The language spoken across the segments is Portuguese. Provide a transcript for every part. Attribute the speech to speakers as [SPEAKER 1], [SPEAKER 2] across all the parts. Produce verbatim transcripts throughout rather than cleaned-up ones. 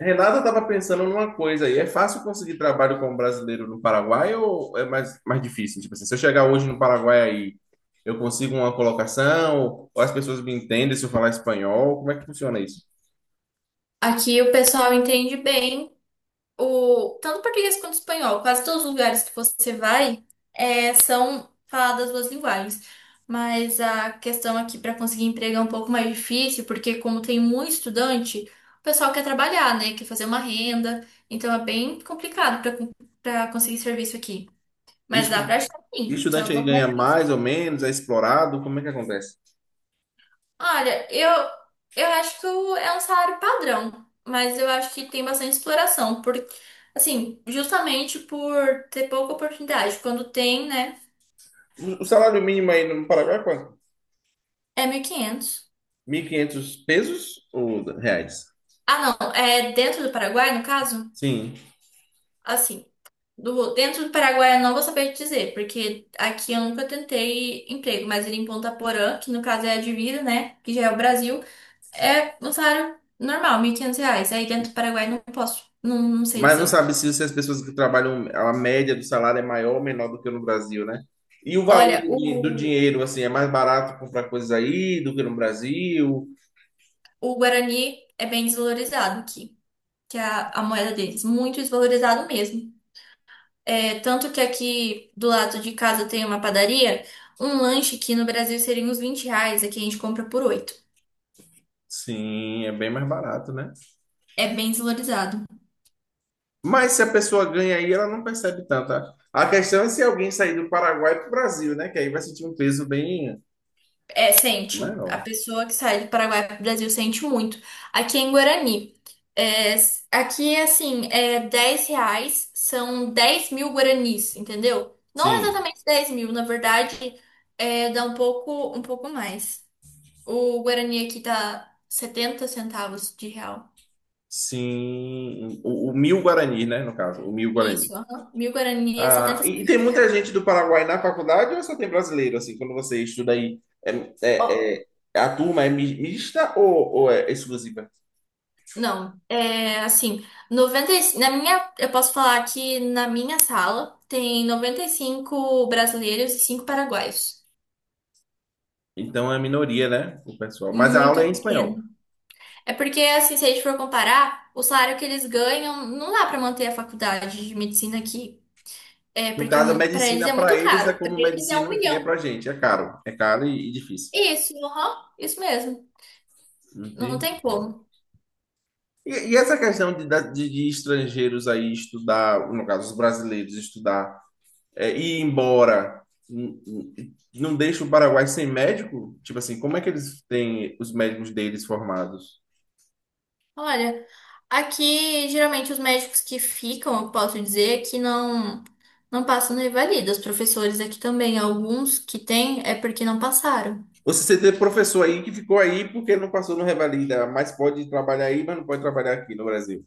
[SPEAKER 1] Renata estava pensando numa coisa aí. É fácil conseguir trabalho como brasileiro no Paraguai ou é mais, mais difícil? Tipo assim, se eu chegar hoje no Paraguai aí, eu consigo uma colocação? Ou as pessoas me entendem se eu falar espanhol? Como é que funciona isso?
[SPEAKER 2] Aqui o pessoal entende bem o tanto português quanto espanhol. Quase todos os lugares que você vai é, são faladas as duas linguagens. Mas a questão aqui para conseguir emprego é um pouco mais difícil, porque como tem muito estudante, o pessoal quer trabalhar, né? Quer fazer uma renda. Então é bem complicado para para conseguir serviço aqui. Mas dá
[SPEAKER 1] Estu-
[SPEAKER 2] para achar sim, só é
[SPEAKER 1] Estudante
[SPEAKER 2] um
[SPEAKER 1] aí
[SPEAKER 2] pouco mais
[SPEAKER 1] ganha
[SPEAKER 2] difícil.
[SPEAKER 1] mais ou menos? É explorado? Como é que acontece?
[SPEAKER 2] Olha, eu, eu acho que o- é um salário padrão, mas eu acho que tem bastante exploração, porque, assim, justamente por ter pouca oportunidade. Quando tem, né,
[SPEAKER 1] O o salário mínimo aí no Paraguai é quanto?
[SPEAKER 2] é mil e quinhentos.
[SPEAKER 1] mil e quinhentos pesos ou reais?
[SPEAKER 2] Ah, não, é dentro do Paraguai, no caso?
[SPEAKER 1] Sim.
[SPEAKER 2] Assim, do, dentro do Paraguai eu não vou saber te dizer, porque aqui eu nunca tentei emprego, mas ele em Ponta Porã, que no caso é a de Vira, né, que já é o Brasil, é um salário normal, mil e quinhentos reais. Aí dentro do Paraguai não posso, não, não sei
[SPEAKER 1] Mas não
[SPEAKER 2] dizer.
[SPEAKER 1] sabe se, se as pessoas que trabalham, a média do salário é maior ou menor do que no Brasil, né? E o valor
[SPEAKER 2] Olha,
[SPEAKER 1] do, din- do
[SPEAKER 2] o,
[SPEAKER 1] dinheiro, assim, é mais barato comprar coisas aí do que no Brasil?
[SPEAKER 2] o Guarani é bem desvalorizado aqui, que é a, a moeda deles, muito desvalorizado mesmo. É, tanto que aqui do lado de casa tem uma padaria, um lanche aqui no Brasil seria uns vinte reais, aqui a gente compra por oito.
[SPEAKER 1] Sim, é bem mais barato, né?
[SPEAKER 2] É bem desvalorizado.
[SPEAKER 1] Mas se a pessoa ganha aí, ela não percebe tanto. A a questão é se alguém sair do Paraguai para o Brasil, né? Que aí vai sentir um peso bem
[SPEAKER 2] É, sente. A
[SPEAKER 1] maior.
[SPEAKER 2] pessoa que sai do Paraguai para o Brasil sente muito. Aqui é em Guarani, é, s- aqui assim, é dez reais, são dez mil guaranis, entendeu? Não
[SPEAKER 1] Sim,
[SPEAKER 2] exatamente dez mil, na verdade, é, dá um pouco, um pouco mais. O Guarani aqui tá setenta centavos de real.
[SPEAKER 1] sim. O, o mil guarani, né? No caso, o mil guarani.
[SPEAKER 2] Isso, aham. Mil Guarani é
[SPEAKER 1] Ah,
[SPEAKER 2] setenta
[SPEAKER 1] e, e
[SPEAKER 2] centavos
[SPEAKER 1] tem
[SPEAKER 2] de
[SPEAKER 1] muita
[SPEAKER 2] real.
[SPEAKER 1] gente do Paraguai na faculdade ou só tem brasileiro, assim, quando você estuda aí? É,
[SPEAKER 2] Ó,
[SPEAKER 1] é- é- a turma é mi- mista ou, ou é exclusiva?
[SPEAKER 2] não, é assim, noventa. E- na minha, eu posso falar que na minha sala tem noventa e cinco brasileiros e cinco paraguaios.
[SPEAKER 1] Então é minoria, né, o pessoal. Mas a aula é
[SPEAKER 2] Muito
[SPEAKER 1] em
[SPEAKER 2] pequeno.
[SPEAKER 1] espanhol.
[SPEAKER 2] É porque, assim, se a gente for comparar, o salário que eles ganham não dá pra manter a faculdade de medicina aqui. É
[SPEAKER 1] No
[SPEAKER 2] porque é
[SPEAKER 1] caso, a
[SPEAKER 2] um- pra eles
[SPEAKER 1] medicina
[SPEAKER 2] é
[SPEAKER 1] para
[SPEAKER 2] muito
[SPEAKER 1] eles é
[SPEAKER 2] caro. Pra
[SPEAKER 1] como
[SPEAKER 2] eles é um
[SPEAKER 1] medicina aqui é
[SPEAKER 2] milhão.
[SPEAKER 1] para gente. É caro. É caro e, e difícil.
[SPEAKER 2] Isso, aham, isso mesmo. Não
[SPEAKER 1] Entendi.
[SPEAKER 2] tem como.
[SPEAKER 1] E, e essa questão de, da- de, de estrangeiros aí estudar, no caso, os brasileiros estudar é, ir embora n- n- não deixa o Paraguai sem médico? Tipo assim, como é que eles têm os médicos deles formados?
[SPEAKER 2] Olha, aqui geralmente os médicos que ficam, eu posso dizer, que não não passam nem valida. Os professores aqui também, alguns que têm é porque não passaram.
[SPEAKER 1] Você se teve professor aí que ficou aí porque não passou no Revalida, mas pode trabalhar aí, mas não pode trabalhar aqui no Brasil.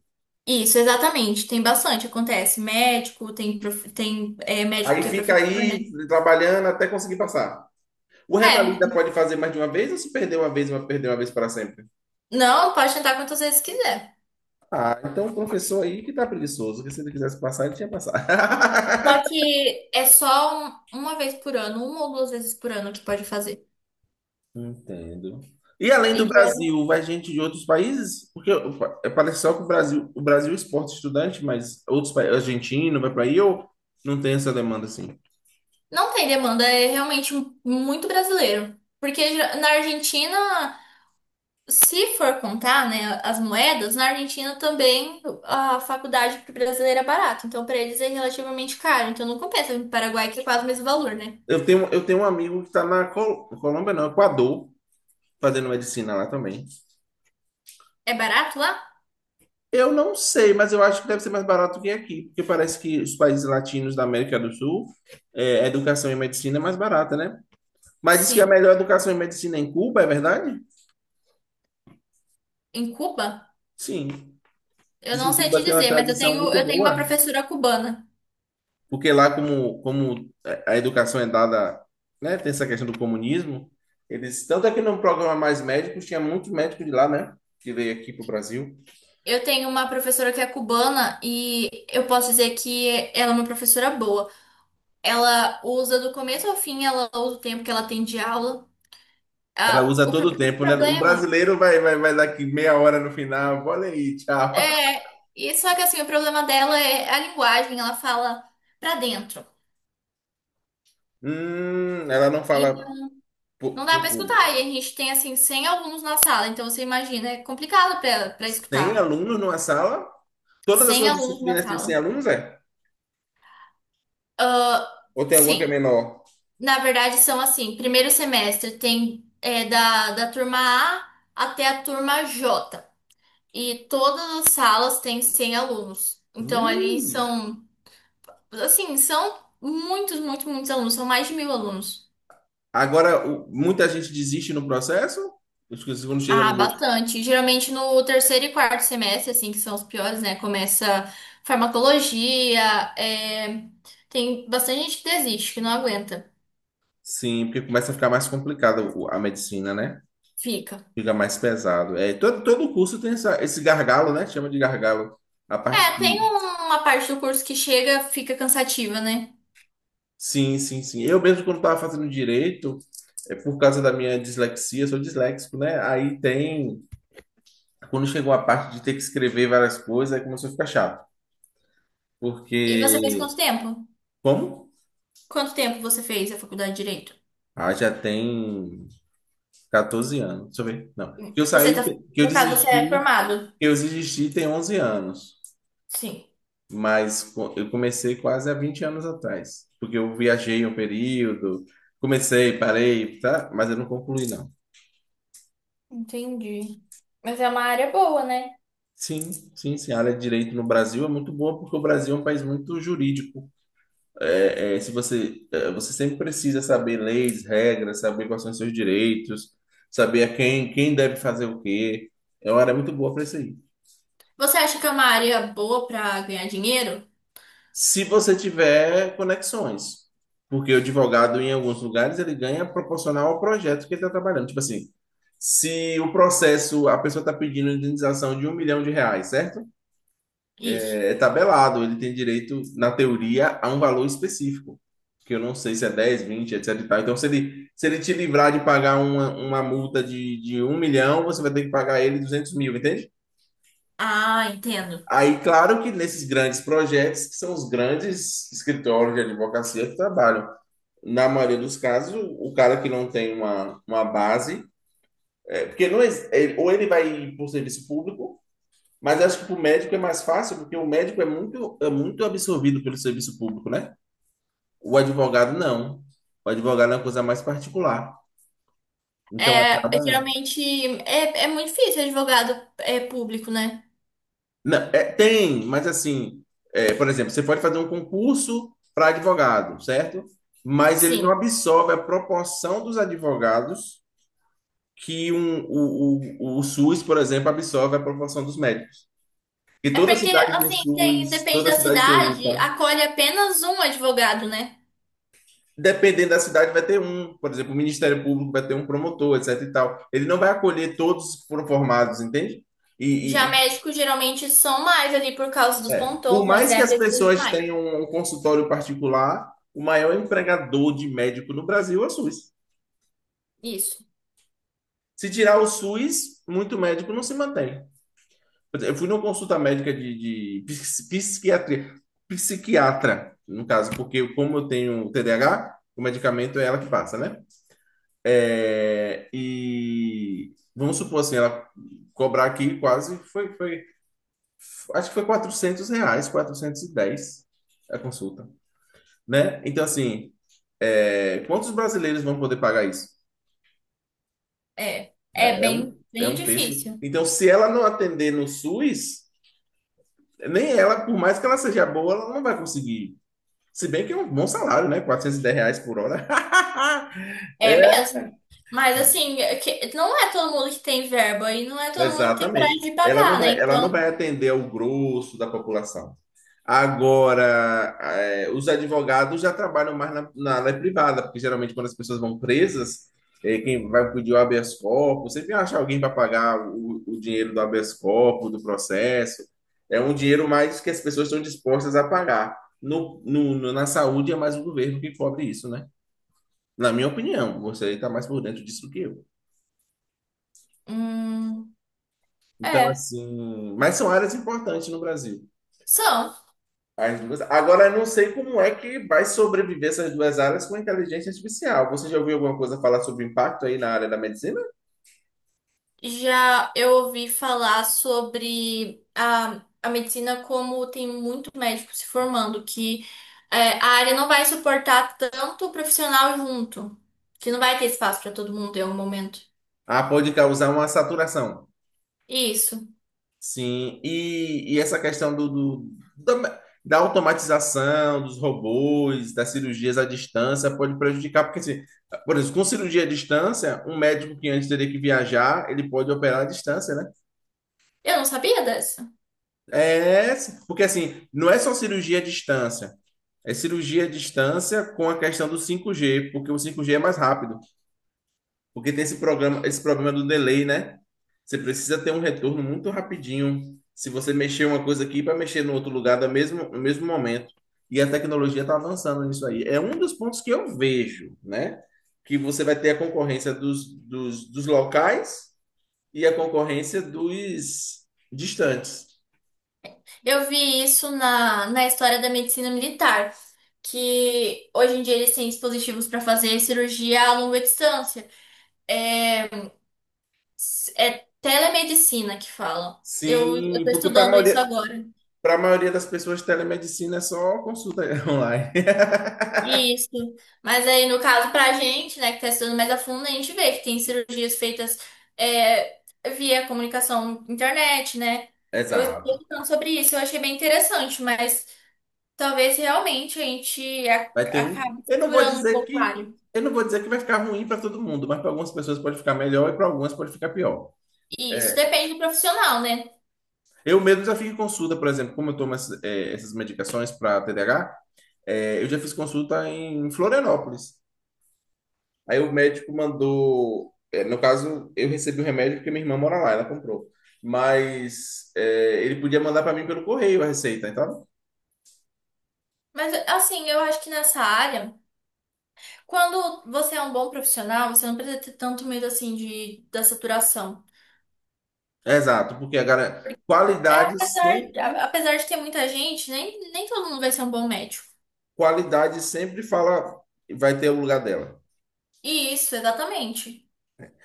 [SPEAKER 2] Isso, exatamente. Tem bastante, acontece. Médico, tem, prof- tem é, médico
[SPEAKER 1] Aí
[SPEAKER 2] que é
[SPEAKER 1] fica
[SPEAKER 2] professor, né?
[SPEAKER 1] aí trabalhando até conseguir passar. O Revalida
[SPEAKER 2] É,
[SPEAKER 1] pode fazer mais de uma vez ou se perder uma vez, vai perder uma vez para sempre?
[SPEAKER 2] não, pode tentar quantas vezes quiser.
[SPEAKER 1] Ah, então o professor aí que tá preguiçoso, que se ele quisesse passar, ele tinha passado.
[SPEAKER 2] Só que é só um- uma vez por ano, uma ou duas vezes por ano que pode fazer.
[SPEAKER 1] Entendo. E além do
[SPEAKER 2] Então,
[SPEAKER 1] Brasil, vai gente de outros países? Porque eu- é, parece só que o Brasil, o Brasil exporta estudante, mas outros países, argentino, vai para aí ou não tem essa demanda assim?
[SPEAKER 2] não tem demanda, é realmente muito brasileiro. Porque já- na Argentina. Se for contar, né, as moedas, na Argentina também a faculdade para brasileiro é barato. Então, para eles é relativamente caro. Então, não compensa vir para o Paraguai, que é quase o mesmo valor, né?
[SPEAKER 1] Eu tenho, eu tenho um amigo que está na Col- Colômbia, não, Equador, fazendo medicina lá também.
[SPEAKER 2] É barato lá?
[SPEAKER 1] Eu não sei, mas eu acho que deve ser mais barato que aqui, porque parece que os países latinos da América do Sul, é, a educação e medicina é mais barata, né? Mas diz que a
[SPEAKER 2] Sim.
[SPEAKER 1] melhor educação e medicina é em Cuba, é verdade?
[SPEAKER 2] Em Cuba?
[SPEAKER 1] Sim.
[SPEAKER 2] Eu
[SPEAKER 1] Diz
[SPEAKER 2] não
[SPEAKER 1] que
[SPEAKER 2] sei
[SPEAKER 1] Cuba
[SPEAKER 2] te
[SPEAKER 1] tem uma
[SPEAKER 2] dizer, mas eu
[SPEAKER 1] tradição
[SPEAKER 2] tenho,
[SPEAKER 1] muito
[SPEAKER 2] eu tenho uma
[SPEAKER 1] boa.
[SPEAKER 2] professora cubana.
[SPEAKER 1] Porque lá, como, como a educação é dada, né, tem essa questão do comunismo, eles, tanto é que no programa Mais Médicos, tinha muito médico de lá, né, que veio aqui pro Brasil.
[SPEAKER 2] Eu tenho uma professora que é cubana e eu posso dizer que ela é uma professora boa. Ela usa do começo ao fim, ela usa o tempo que ela tem de aula.
[SPEAKER 1] Ela
[SPEAKER 2] Ah,
[SPEAKER 1] usa
[SPEAKER 2] o pro-
[SPEAKER 1] todo o
[SPEAKER 2] o
[SPEAKER 1] tempo, né? O
[SPEAKER 2] problema.
[SPEAKER 1] brasileiro vai, vai, vai daqui meia hora no final, olha aí, tchau.
[SPEAKER 2] É, e só que assim, o problema dela é a linguagem, ela fala pra dentro.
[SPEAKER 1] Hum, ela não fala
[SPEAKER 2] Então, não
[SPEAKER 1] por,
[SPEAKER 2] dá
[SPEAKER 1] por
[SPEAKER 2] pra
[SPEAKER 1] Google.
[SPEAKER 2] escutar. E a gente tem assim cem alunos na sala, então você imagina, é complicado pra ela para
[SPEAKER 1] Tem
[SPEAKER 2] escutar.
[SPEAKER 1] alunos numa sala? Todas as
[SPEAKER 2] cem
[SPEAKER 1] suas
[SPEAKER 2] alunos na
[SPEAKER 1] disciplinas têm
[SPEAKER 2] sala.
[SPEAKER 1] alunos, é?
[SPEAKER 2] Ah,
[SPEAKER 1] Ou tem alguma que é
[SPEAKER 2] sim,
[SPEAKER 1] menor?
[SPEAKER 2] na verdade são assim, primeiro semestre tem é, da, da turma A até a turma J. E todas as salas têm cem alunos. Então ali
[SPEAKER 1] Ui.
[SPEAKER 2] são, assim, são muitos, muitos, muitos alunos, são mais de mil alunos.
[SPEAKER 1] Agora, o- muita gente desiste no processo? Os que- Quando chega.
[SPEAKER 2] Ah, bastante. Geralmente no terceiro e quarto semestre, assim, que são os piores, né? Começa farmacologia, é, tem bastante gente que desiste, que não aguenta,
[SPEAKER 1] Sim, porque começa a ficar mais complicado o- a medicina, né?
[SPEAKER 2] fica.
[SPEAKER 1] Fica mais pesado. É, todo, todo curso tem essa- esse gargalo, né? Chama de gargalo. A parte
[SPEAKER 2] É,
[SPEAKER 1] que.
[SPEAKER 2] tem uma parte do curso que chega, fica cansativa, né?
[SPEAKER 1] Sim, sim, sim. Eu mesmo, quando estava fazendo direito, é por causa da minha dislexia, sou disléxico, né? Aí tem. Quando chegou a parte de ter que escrever várias coisas, aí começou a ficar chato.
[SPEAKER 2] E você fez
[SPEAKER 1] Porque.
[SPEAKER 2] quanto tempo?
[SPEAKER 1] Como?
[SPEAKER 2] Quanto tempo você fez a faculdade de Direito?
[SPEAKER 1] Ah, já tem quatorze anos. Deixa eu ver. Não. Que eu
[SPEAKER 2] Você
[SPEAKER 1] saí,
[SPEAKER 2] tá,
[SPEAKER 1] que eu
[SPEAKER 2] no caso, você é
[SPEAKER 1] desisti,
[SPEAKER 2] formado?
[SPEAKER 1] que eu desisti tem onze anos.
[SPEAKER 2] Sim,
[SPEAKER 1] Mas co- eu comecei quase há vinte anos atrás, porque eu viajei um período, comecei, parei, tá? Mas eu não concluí, não.
[SPEAKER 2] entendi. Mas é uma área boa, né?
[SPEAKER 1] Sim, sim, sim. A área de direito no Brasil é muito boa porque o Brasil é um país muito jurídico. É, é, se você, é, você sempre precisa saber leis, regras, saber quais são os seus direitos, saber a quem, quem deve fazer o quê. É uma área muito boa para isso aí.
[SPEAKER 2] Você acha que é uma área boa pra ganhar dinheiro?
[SPEAKER 1] Se você tiver conexões. Porque o advogado, em alguns lugares, ele ganha proporcional ao projeto que ele está trabalhando. Tipo assim, se o processo, a pessoa está pedindo indenização de um milhão de reais, certo?
[SPEAKER 2] Isso.
[SPEAKER 1] É é tabelado, ele tem direito, na teoria, a um valor específico. Que eu não sei se é dez, vinte, etcétera e tal. Então, se ele, se ele te livrar de pagar uma, uma multa de, de um milhão, você vai ter que pagar ele duzentos mil, entende?
[SPEAKER 2] Ah, entendo.
[SPEAKER 1] Aí, claro que nesses grandes projetos, que são os grandes escritórios de advocacia que trabalham. Na maioria dos casos, o cara que não tem uma, uma base, é, porque não ex- é, ou ele vai por serviço público, mas acho que para o médico é mais fácil, porque o médico é muito, é muito absorvido pelo serviço público, né? O advogado não. O advogado é uma coisa mais particular. Então
[SPEAKER 2] É,
[SPEAKER 1] acaba.
[SPEAKER 2] geralmente é, é muito difícil advogado é, público, né?
[SPEAKER 1] Não, é, tem, mas assim, é, por exemplo, você pode fazer um concurso para advogado, certo? Mas ele não
[SPEAKER 2] Sim.
[SPEAKER 1] absorve a proporção dos advogados que um, o, o, o SUS, por exemplo, absorve a proporção dos médicos. E
[SPEAKER 2] É
[SPEAKER 1] toda
[SPEAKER 2] porque,
[SPEAKER 1] cidade tem
[SPEAKER 2] assim, tem-
[SPEAKER 1] SUS,
[SPEAKER 2] depende
[SPEAKER 1] toda
[SPEAKER 2] da
[SPEAKER 1] cidade tem
[SPEAKER 2] cidade,
[SPEAKER 1] UPA.
[SPEAKER 2] acolhe apenas um advogado, né?
[SPEAKER 1] Dependendo da cidade, vai ter um. Por exemplo, o Ministério Público vai ter um promotor, etc e tal. Ele não vai acolher todos foram formados, entende?
[SPEAKER 2] Já
[SPEAKER 1] E, e-
[SPEAKER 2] médicos geralmente são mais ali por causa dos
[SPEAKER 1] é, por
[SPEAKER 2] plantões,
[SPEAKER 1] mais que
[SPEAKER 2] é
[SPEAKER 1] as
[SPEAKER 2] preciso de
[SPEAKER 1] pessoas
[SPEAKER 2] mais.
[SPEAKER 1] tenham um consultório particular, o maior empregador de médico no Brasil é o SUS.
[SPEAKER 2] Isso.
[SPEAKER 1] Se tirar o SUS, muito médico não se mantém. Por exemplo, eu fui numa consulta médica de, de psiqui- psiquiatria, psiquiatra, no caso, porque como eu tenho T D A H, o medicamento é ela que passa, né? É, E vamos supor assim, ela cobrar aqui quase foi, foi, acho que foi quatrocentos reais, quatrocentos e dez a consulta, né? Então, assim, é, quantos brasileiros vão poder pagar isso?
[SPEAKER 2] É. É
[SPEAKER 1] Né? É um,
[SPEAKER 2] bem,
[SPEAKER 1] é
[SPEAKER 2] bem
[SPEAKER 1] um terço.
[SPEAKER 2] difícil.
[SPEAKER 1] Então, se ela não atender no SUS, nem ela, por mais que ela seja boa, ela não vai conseguir. Se bem que é um bom salário, né? R quatrocentos e dez reais por hora.
[SPEAKER 2] É mesmo. Mas, assim, é que- não é todo mundo que tem verba e não é todo mundo que tem coragem
[SPEAKER 1] Exatamente.
[SPEAKER 2] de
[SPEAKER 1] Ela não
[SPEAKER 2] pagar, né?
[SPEAKER 1] vai, ela não
[SPEAKER 2] Então,
[SPEAKER 1] vai atender ao grosso da população. Agora, eh, os advogados já trabalham mais na, na área privada, porque geralmente quando as pessoas vão presas, eh, quem vai pedir o habeas corpus, sempre acha alguém para pagar o, o dinheiro do habeas corpus, do processo. É um dinheiro mais que as pessoas estão dispostas a pagar. No, no- no- na saúde é mais o governo que cobre isso, né? Na minha opinião, você está mais por dentro disso que eu.
[SPEAKER 2] hum,
[SPEAKER 1] Então,
[SPEAKER 2] é.
[SPEAKER 1] assim, mas são áreas importantes no Brasil.
[SPEAKER 2] São.
[SPEAKER 1] As duas. Agora, eu não sei como é que vai sobreviver essas duas áreas com a inteligência artificial. Você já ouviu alguma coisa falar sobre o impacto aí na área da medicina?
[SPEAKER 2] Já eu ouvi falar sobre a, a medicina como tem muito médico se formando, que é, a área não vai suportar tanto profissional junto, que não vai ter espaço para todo mundo em um momento.
[SPEAKER 1] Ah, pode causar uma saturação.
[SPEAKER 2] Isso.
[SPEAKER 1] Sim, e, e essa questão do, do- da, da automatização dos robôs, das cirurgias à distância, pode prejudicar, porque, assim, por exemplo, com cirurgia à distância, um médico que antes teria que viajar, ele pode operar à distância, né?
[SPEAKER 2] Eu não sabia dessa.
[SPEAKER 1] É, porque assim, não é só cirurgia à distância. É cirurgia à distância com a questão do cinco G, porque o cinco G é mais rápido, porque tem esse programa, esse problema do delay, né? Você precisa ter um retorno muito rapidinho. Se você mexer uma coisa aqui para mexer no outro lugar no mesmo, no mesmo momento. E a tecnologia está avançando nisso aí. É um dos pontos que eu vejo, né? Que você vai ter a concorrência dos, dos, dos locais e a concorrência dos distantes.
[SPEAKER 2] Eu vi isso na, na história da medicina militar, que hoje em dia eles têm dispositivos para fazer cirurgia a longa distância. É, é telemedicina que falam. Eu, eu
[SPEAKER 1] Sim,
[SPEAKER 2] tô
[SPEAKER 1] porque para a
[SPEAKER 2] estudando isso
[SPEAKER 1] maioria,
[SPEAKER 2] agora.
[SPEAKER 1] para a maioria das pessoas, telemedicina é só consulta online.
[SPEAKER 2] Isso. Mas aí, no caso, pra gente, né, que tá estudando mais a fundo, a gente vê que tem cirurgias feitas é, via comunicação internet, né? Eu estou
[SPEAKER 1] Exato.
[SPEAKER 2] falando sobre isso, eu achei bem interessante, mas talvez realmente a gente a-
[SPEAKER 1] Vai ter um.
[SPEAKER 2] acabe
[SPEAKER 1] Eu não vou
[SPEAKER 2] saturando um
[SPEAKER 1] dizer
[SPEAKER 2] pouco a
[SPEAKER 1] que
[SPEAKER 2] área.
[SPEAKER 1] eu não vou dizer que vai ficar ruim para todo mundo, mas para algumas pessoas pode ficar melhor e para algumas pode ficar pior.
[SPEAKER 2] E isso
[SPEAKER 1] É,
[SPEAKER 2] depende do profissional, né?
[SPEAKER 1] eu mesmo já fiz consulta, por exemplo, como eu tomo essas, eh, essas medicações para T D A H, eh, eu já fiz consulta em Florianópolis. Aí o médico mandou, eh, no caso, eu recebi o remédio porque minha irmã mora lá, ela comprou. Mas eh, ele podia mandar para mim pelo correio a receita. Então,
[SPEAKER 2] Mas, assim, eu acho que nessa área, quando você é um bom profissional, você não precisa ter tanto medo, assim, de, da saturação.
[SPEAKER 1] exato, porque agora
[SPEAKER 2] É,
[SPEAKER 1] qualidade
[SPEAKER 2] apesar,
[SPEAKER 1] sempre,
[SPEAKER 2] a- apesar de ter muita gente, nem, nem todo mundo vai ser um bom médico.
[SPEAKER 1] qualidade sempre fala, vai ter o lugar dela.
[SPEAKER 2] Isso, exatamente.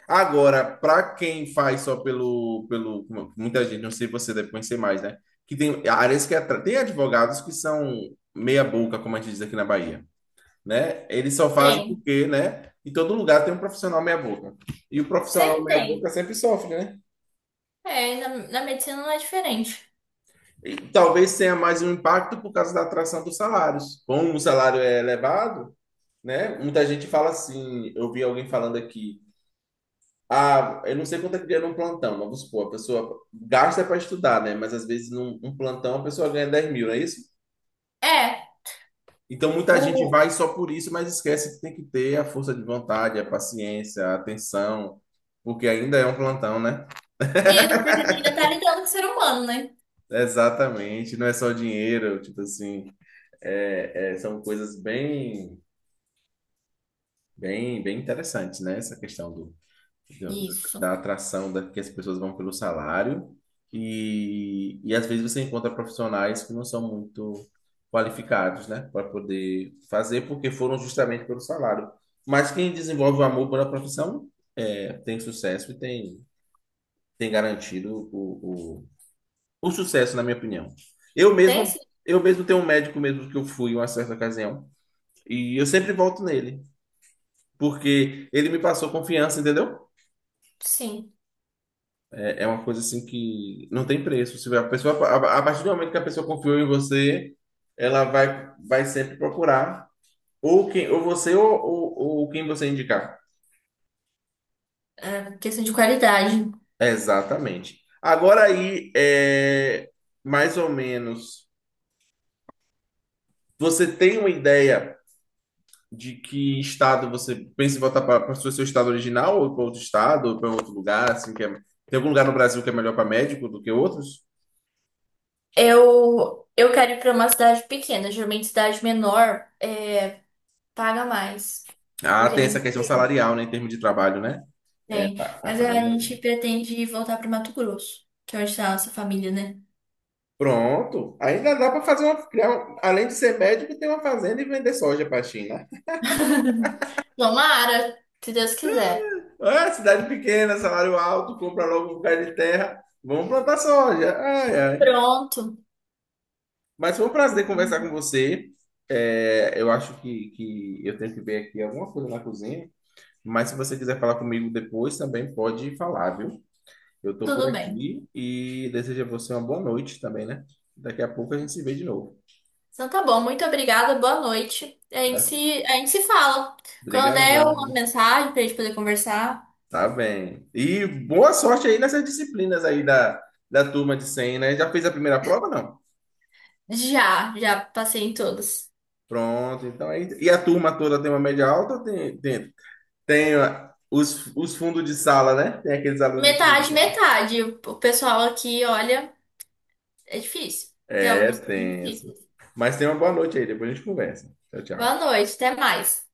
[SPEAKER 1] Agora, para quem faz só pelo, pelo, como muita gente, não sei se você deve conhecer mais, né? Que tem áreas que atra- tem advogados que são meia boca, como a gente diz aqui na Bahia, né? Eles só fazem
[SPEAKER 2] Tem.
[SPEAKER 1] porque, né? Em todo lugar tem um profissional meia boca. E o profissional
[SPEAKER 2] Sempre
[SPEAKER 1] meia boca
[SPEAKER 2] tem.
[SPEAKER 1] sempre sofre, né?
[SPEAKER 2] É, na, na medicina não é diferente.
[SPEAKER 1] E talvez tenha mais um impacto por causa da atração dos salários. Como o salário é elevado, né? Muita gente fala assim, eu vi alguém falando aqui, ah, eu não sei quanto é que ganha num plantão, mas vamos supor, a pessoa gasta para estudar, né? Mas às vezes num um plantão a pessoa ganha dez mil, não é isso?
[SPEAKER 2] É,
[SPEAKER 1] Então muita gente
[SPEAKER 2] o.
[SPEAKER 1] vai só por isso, mas esquece que tem que ter a força de vontade, a paciência, a atenção, porque ainda é um plantão, né?
[SPEAKER 2] Isso, porque você ainda tá lidando com o ser humano, né?
[SPEAKER 1] Exatamente, não é só dinheiro, tipo assim, é- é, são coisas bem, bem, bem interessantes, né? Essa questão do da
[SPEAKER 2] Isso.
[SPEAKER 1] da atração da, que as pessoas vão pelo salário e, e às vezes você encontra profissionais que não são muito qualificados, né, para poder fazer porque foram justamente pelo salário. Mas quem desenvolve o amor pela profissão é, tem sucesso e tem, tem garantido o, o, o sucesso, na minha opinião. Eu
[SPEAKER 2] Tem
[SPEAKER 1] mesmo,
[SPEAKER 2] sim.
[SPEAKER 1] eu mesmo tenho um médico mesmo que eu fui em uma certa ocasião e eu sempre volto nele. Porque ele me passou confiança, entendeu?
[SPEAKER 2] Sim.
[SPEAKER 1] É, é uma coisa assim que não tem preço. Se a pessoa, a, a partir do momento que a pessoa confiou em você, ela vai, vai sempre procurar ou quem, ou você ou, ou, ou, quem você indicar.
[SPEAKER 2] É, questão de qualidade.
[SPEAKER 1] Exatamente. Agora aí, é, mais ou menos, você tem uma ideia de que estado você pensa em voltar para o seu seu estado original ou para outro estado ou para outro lugar, assim, que é- tem algum lugar no Brasil que é melhor para médico do que outros?
[SPEAKER 2] Eu, eu quero ir pra uma cidade pequena. Geralmente cidade menor é, paga mais.
[SPEAKER 1] Ah,
[SPEAKER 2] Porque
[SPEAKER 1] tem essa questão
[SPEAKER 2] ninguém.
[SPEAKER 1] salarial, né, em termos de trabalho, né? É,
[SPEAKER 2] Tem.
[SPEAKER 1] pa- pa-
[SPEAKER 2] Mas a
[SPEAKER 1] paga.
[SPEAKER 2] gente pretende voltar para Mato Grosso, que é onde está a nossa família, né?
[SPEAKER 1] Pronto. Ainda dá para fazer uma. criar um- Além de ser médico, ter uma fazenda e vender soja para a China.
[SPEAKER 2] Tomara, se Deus quiser.
[SPEAKER 1] Ah, cidade pequena, salário alto, compra logo um lugar de terra. Vamos plantar soja. Ai, ai.
[SPEAKER 2] Pronto.
[SPEAKER 1] Mas foi um prazer conversar com você. É, eu acho que, que eu tenho que ver aqui alguma coisa na cozinha. Mas se você quiser falar comigo depois, também pode falar, viu? Eu estou por
[SPEAKER 2] Tudo bem.
[SPEAKER 1] aqui e desejo a você uma boa noite também, né? Daqui a pouco a gente se vê de novo,
[SPEAKER 2] Então tá bom, muito obrigada, boa noite. A gente
[SPEAKER 1] tá?
[SPEAKER 2] se, a gente se fala. Quando
[SPEAKER 1] Obrigado.
[SPEAKER 2] der uma mensagem pra gente poder conversar.
[SPEAKER 1] Tá bem. E boa sorte aí nessas disciplinas aí da, da turma de cem né? Já fez a primeira prova, não?
[SPEAKER 2] Já, já passei em todas.
[SPEAKER 1] Pronto, então aí. E a turma toda tem uma média alta ou tem, tem, tem, ó, os, os fundos de sala, né? Tem aqueles alunos de fundo de
[SPEAKER 2] Metade,
[SPEAKER 1] sala.
[SPEAKER 2] metade. O o pessoal aqui, olha, é difícil. Tem
[SPEAKER 1] É
[SPEAKER 2] alguns que são
[SPEAKER 1] tenso.
[SPEAKER 2] difíceis.
[SPEAKER 1] Mas tenha uma boa noite aí, depois a gente conversa. Tchau,
[SPEAKER 2] Boa
[SPEAKER 1] tchau.
[SPEAKER 2] noite, até mais.